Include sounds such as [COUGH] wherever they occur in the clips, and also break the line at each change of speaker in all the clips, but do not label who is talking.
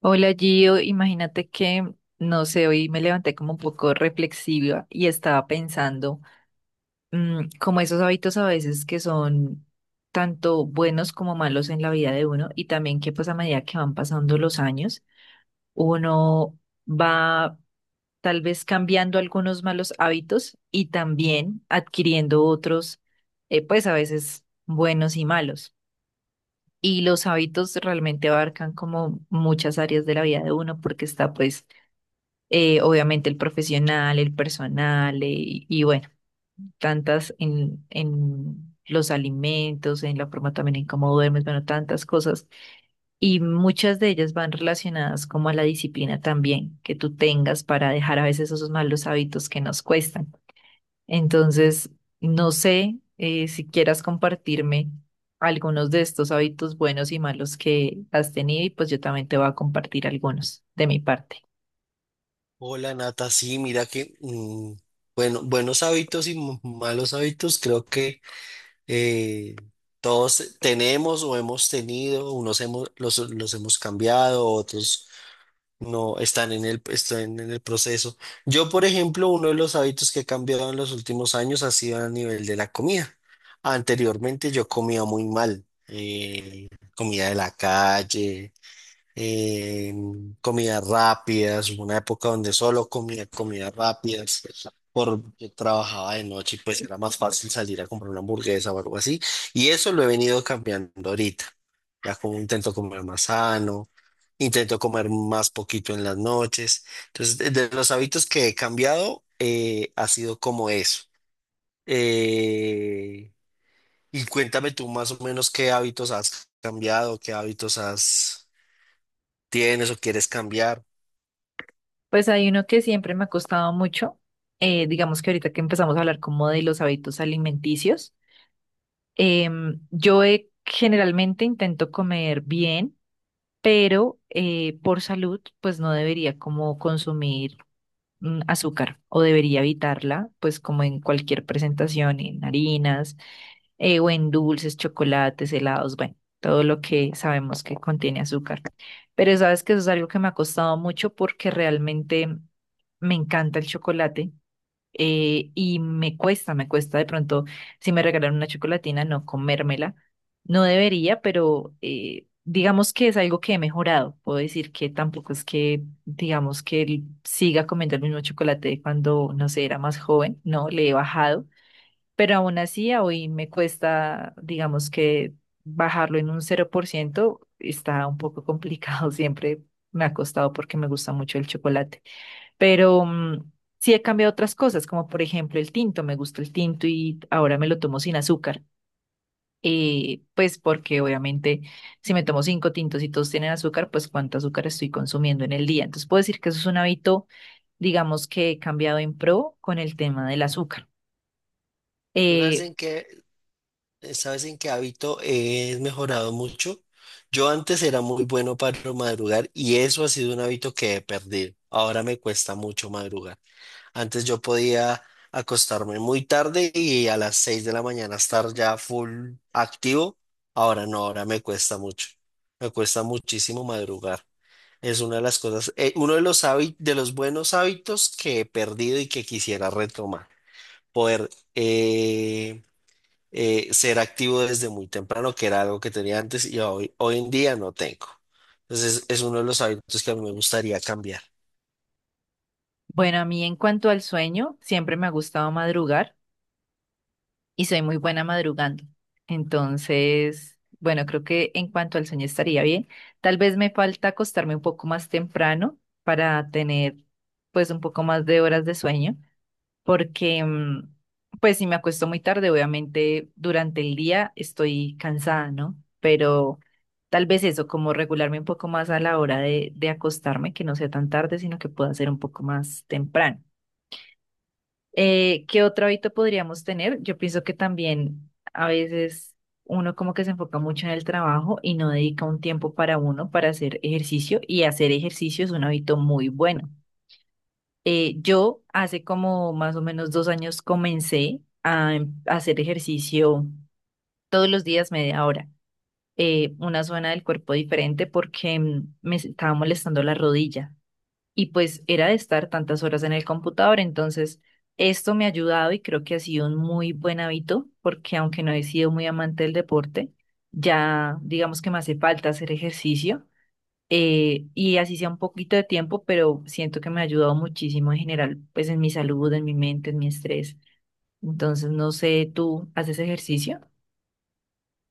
Hola Gio, imagínate que, no sé, hoy me levanté como un poco reflexiva y estaba pensando como esos hábitos a veces que son tanto buenos como malos en la vida de uno. Y también que, pues, a medida que van pasando los años, uno va tal vez cambiando algunos malos hábitos y también adquiriendo otros, pues a veces buenos y malos. Y los hábitos realmente abarcan como muchas áreas de la vida de uno, porque está pues obviamente el profesional, el personal, y bueno, tantas en los alimentos, en la forma también en cómo duermes, bueno, tantas cosas. Y muchas de ellas van relacionadas como a la disciplina también que tú tengas para dejar a veces esos malos hábitos que nos cuestan. Entonces, no sé, si quieras compartirme algunos de estos hábitos buenos y malos que has tenido, y pues yo también te voy a compartir algunos de mi parte.
Hola Nata, sí, mira que, bueno, buenos hábitos y malos hábitos, creo que eh, todos tenemos o hemos tenido, unos hemos, los hemos cambiado, otros no están están en el proceso. Yo, por ejemplo, uno de los hábitos que he cambiado en los últimos años ha sido a nivel de la comida. Anteriormente yo comía muy mal, comida de la calle eh, comidas rápidas, hubo una época donde solo comía comidas rápidas, porque trabajaba de noche y pues era más fácil salir a comprar una hamburguesa o algo así, y eso lo he venido cambiando ahorita, ya como intento comer más sano, intento comer más poquito en las noches, entonces de los hábitos que he cambiado ha sido como eso. Eh, y cuéntame tú más o menos qué hábitos has cambiado, qué hábitos has tienes o quieres cambiar.
Pues hay uno que siempre me ha costado mucho. Digamos que ahorita que empezamos a hablar como de los hábitos alimenticios, generalmente intento comer bien, pero, por salud, pues no debería como consumir azúcar, o debería evitarla pues como en cualquier presentación: en harinas, o en dulces, chocolates, helados, bueno, todo lo que sabemos que contiene azúcar. Pero sabes que eso es algo que me ha costado mucho, porque realmente me encanta el chocolate, y me cuesta de pronto, si me regalan una chocolatina, no comérmela. No debería, pero, digamos que es algo que he mejorado. Puedo decir que tampoco es que, digamos que siga comiendo el mismo chocolate de cuando, no sé, era más joven. No, le he bajado, pero aún así a hoy me cuesta. Digamos que bajarlo en un 0% está un poco complicado, [LAUGHS] siempre me ha costado porque me gusta mucho el chocolate, pero sí he cambiado otras cosas, como por ejemplo el tinto. Me gusta el tinto y ahora me lo tomo sin azúcar. Pues porque obviamente, si me tomo cinco tintos y todos tienen azúcar, pues cuánto azúcar estoy consumiendo en el día. Entonces puedo decir que eso es un hábito, digamos que he cambiado, en pro con el tema del azúcar.
Yo
Eh,
sabes en qué hábito he mejorado mucho. Yo antes era muy bueno para madrugar y eso ha sido un hábito que he perdido. Ahora me cuesta mucho madrugar. Antes yo podía acostarme muy tarde y a las 6 de la mañana estar ya full activo. Ahora no, ahora me cuesta mucho. Me cuesta muchísimo madrugar. Es una de las cosas, uno de los hábitos, de los buenos hábitos que he perdido y que quisiera retomar. Poder eh, ser activo desde muy temprano, que era algo que tenía antes y hoy en día no tengo. Entonces es uno de los hábitos que a mí me gustaría cambiar.
Bueno, a mí en cuanto al sueño, siempre me ha gustado madrugar y soy muy buena madrugando. Entonces, bueno, creo que en cuanto al sueño estaría bien. Tal vez me falta acostarme un poco más temprano para tener pues un poco más de horas de sueño, porque pues si me acuesto muy tarde, obviamente durante el día estoy cansada, ¿no? Pero tal vez eso, como regularme un poco más a la hora de acostarme, que no sea tan tarde, sino que pueda ser un poco más temprano. ¿Qué otro hábito podríamos tener? Yo pienso que también a veces uno como que se enfoca mucho en el trabajo y no dedica un tiempo para uno para hacer ejercicio, y hacer ejercicio es un hábito muy bueno. Yo hace como más o menos 2 años comencé a hacer ejercicio todos los días media hora, una zona del cuerpo diferente, porque me estaba molestando la rodilla, y pues era de estar tantas horas en el computador. Entonces, esto me ha ayudado y creo que ha sido un muy buen hábito, porque aunque no he sido muy amante del deporte, ya digamos que me hace falta hacer ejercicio, y así sea un poquito de tiempo, pero siento que me ha ayudado muchísimo en general, pues en mi salud, en mi mente, en mi estrés. Entonces, no sé, ¿tú haces ejercicio?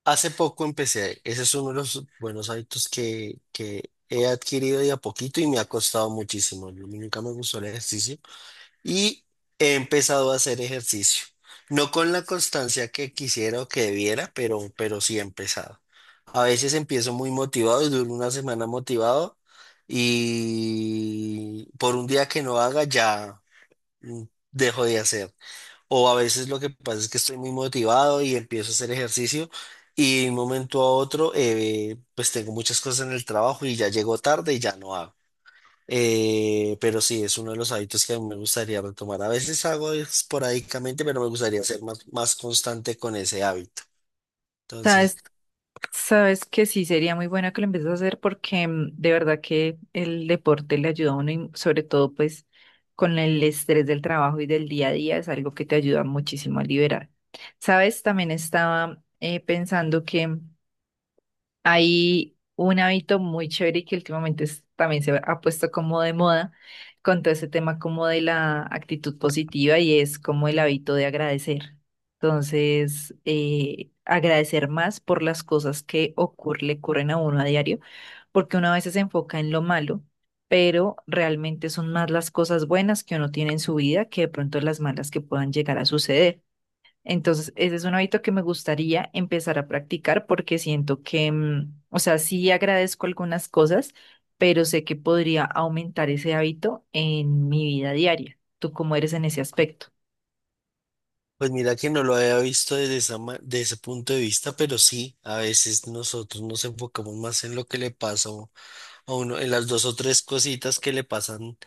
Hace poco empecé, ese es uno de los buenos hábitos que he adquirido de a poquito y me ha costado muchísimo. Yo Nunca me gustó el ejercicio. Y he empezado a hacer ejercicio. No con la constancia que quisiera o que debiera, pero sí he empezado. A veces empiezo muy motivado y duro una semana motivado y por un día que no haga ya mm, dejo de hacer. O a veces lo que pasa es que estoy muy motivado y empiezo a hacer ejercicio y de un momento a otro pues tengo muchas cosas en el trabajo y ya llego tarde y ya no hago. Pero sí, es uno de los hábitos que a mí me gustaría retomar. A veces hago esporádicamente, pero me gustaría ser más constante con ese hábito. Entonces,
sabes Sabes que sí, sería muy buena que lo empieces a hacer, porque de verdad que el deporte le ayuda a uno, y sobre todo pues con el estrés del trabajo y del día a día es algo que te ayuda muchísimo a liberar. Sabes, también estaba pensando que hay un hábito muy chévere, y que últimamente también se ha puesto como de moda, con todo ese tema como de la actitud positiva, y es como el hábito de agradecer. Entonces, agradecer más por las cosas que le ocurren a uno a diario, porque uno a veces se enfoca en lo malo, pero realmente son más las cosas buenas que uno tiene en su vida, que de pronto las malas que puedan llegar a suceder. Entonces, ese es un hábito que me gustaría empezar a practicar, porque siento que, o sea, sí agradezco algunas cosas, pero sé que podría aumentar ese hábito en mi vida diaria. ¿Tú cómo eres en ese aspecto?
pues mira que no lo había visto desde de ese punto de vista, pero sí, a veces nosotros nos enfocamos más en lo que le pasa a uno, en las 2 o 3 cositas que le pasan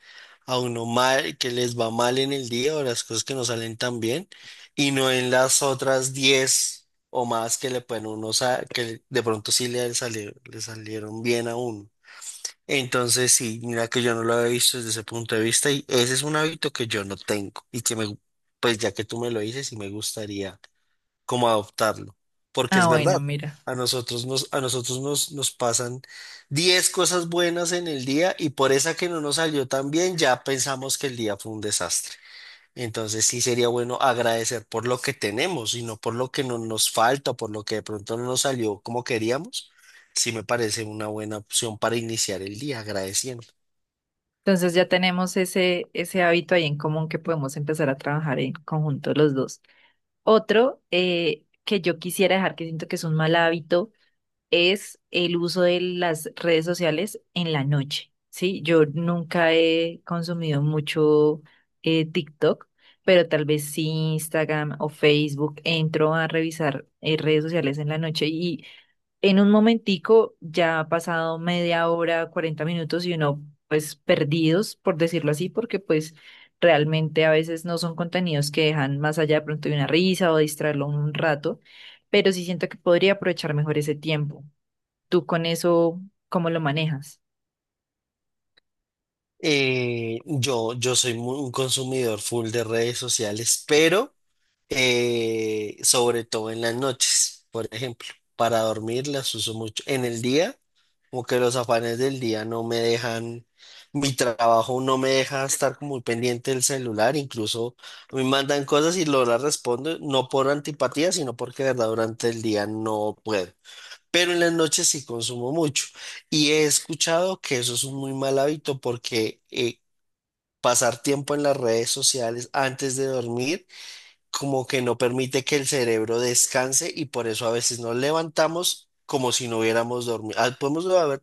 a uno mal, que les va mal en el día o las cosas que no salen tan bien, y no en las otras 10 o más que le pueden uno, que de pronto sí le salieron bien a uno. Entonces, sí, mira que yo no lo había visto desde ese punto de vista y ese es un hábito que yo no tengo y que pues ya que tú me lo dices y me gustaría como adoptarlo, porque es
Ah,
verdad.
bueno, mira.
A nosotros nos, nos pasan 10 cosas buenas en el día y por esa que no nos salió tan bien, ya pensamos que el día fue un desastre. Entonces sí sería bueno agradecer por lo que tenemos y no por lo que no nos falta, por lo que de pronto no nos salió como queríamos. Sí me parece una buena opción para iniciar el día agradeciendo.
Entonces ya tenemos ese, ese hábito ahí en común, que podemos empezar a trabajar en conjunto los dos. Otro, que yo quisiera dejar, que siento que es un mal hábito, es el uso de las redes sociales en la noche, ¿sí? Yo nunca he consumido mucho TikTok, pero tal vez sí Instagram o Facebook. Entro a revisar, redes sociales en la noche, y en un momentico ya ha pasado media hora, 40 minutos, y uno pues perdidos, por decirlo así, porque pues realmente a veces no son contenidos que dejan más allá de pronto de una risa o distraerlo un rato, pero sí siento que podría aprovechar mejor ese tiempo. ¿Tú con eso cómo lo manejas?
Yo soy un consumidor full de redes sociales, pero sobre todo en las noches, por ejemplo. Para dormir las uso mucho. En el día, como que los afanes del día no me dejan, mi trabajo no me deja estar como muy pendiente del celular, incluso me mandan cosas y lo las respondo, no por antipatía, sino porque de verdad durante el día no puedo. Pero en las noches sí consumo mucho. Y he escuchado que eso es un muy mal hábito porque pasar tiempo en las redes sociales antes de dormir como que no permite que el cerebro descanse y por eso a veces nos levantamos como si no hubiéramos dormido. Ah, podemos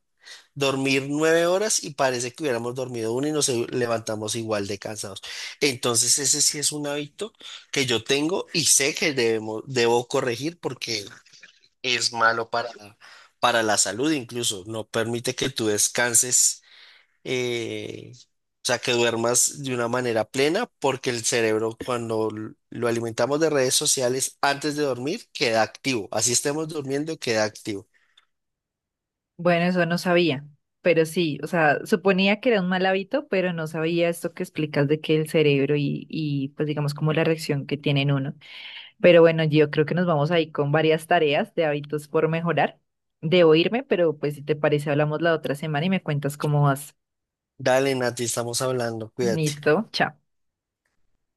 dormir 9 horas y parece que hubiéramos dormido una y nos levantamos igual de cansados. Entonces ese sí es un hábito que yo tengo y sé que debo corregir porque es malo para la salud incluso. No permite que tú descanses o sea, que duermas de una manera plena, porque el cerebro cuando lo alimentamos de redes sociales antes de dormir queda activo. Así estemos durmiendo, queda activo.
Bueno, eso no sabía, pero sí, o sea, suponía que era un mal hábito, pero no sabía esto que explicas de que el cerebro, y pues digamos como la reacción que tiene en uno. Pero bueno, yo creo que nos vamos ahí con varias tareas de hábitos por mejorar. Debo irme, pero pues si te parece, hablamos la otra semana y me cuentas cómo vas.
Dale, Nati, estamos hablando, cuídate.
Listo, chao.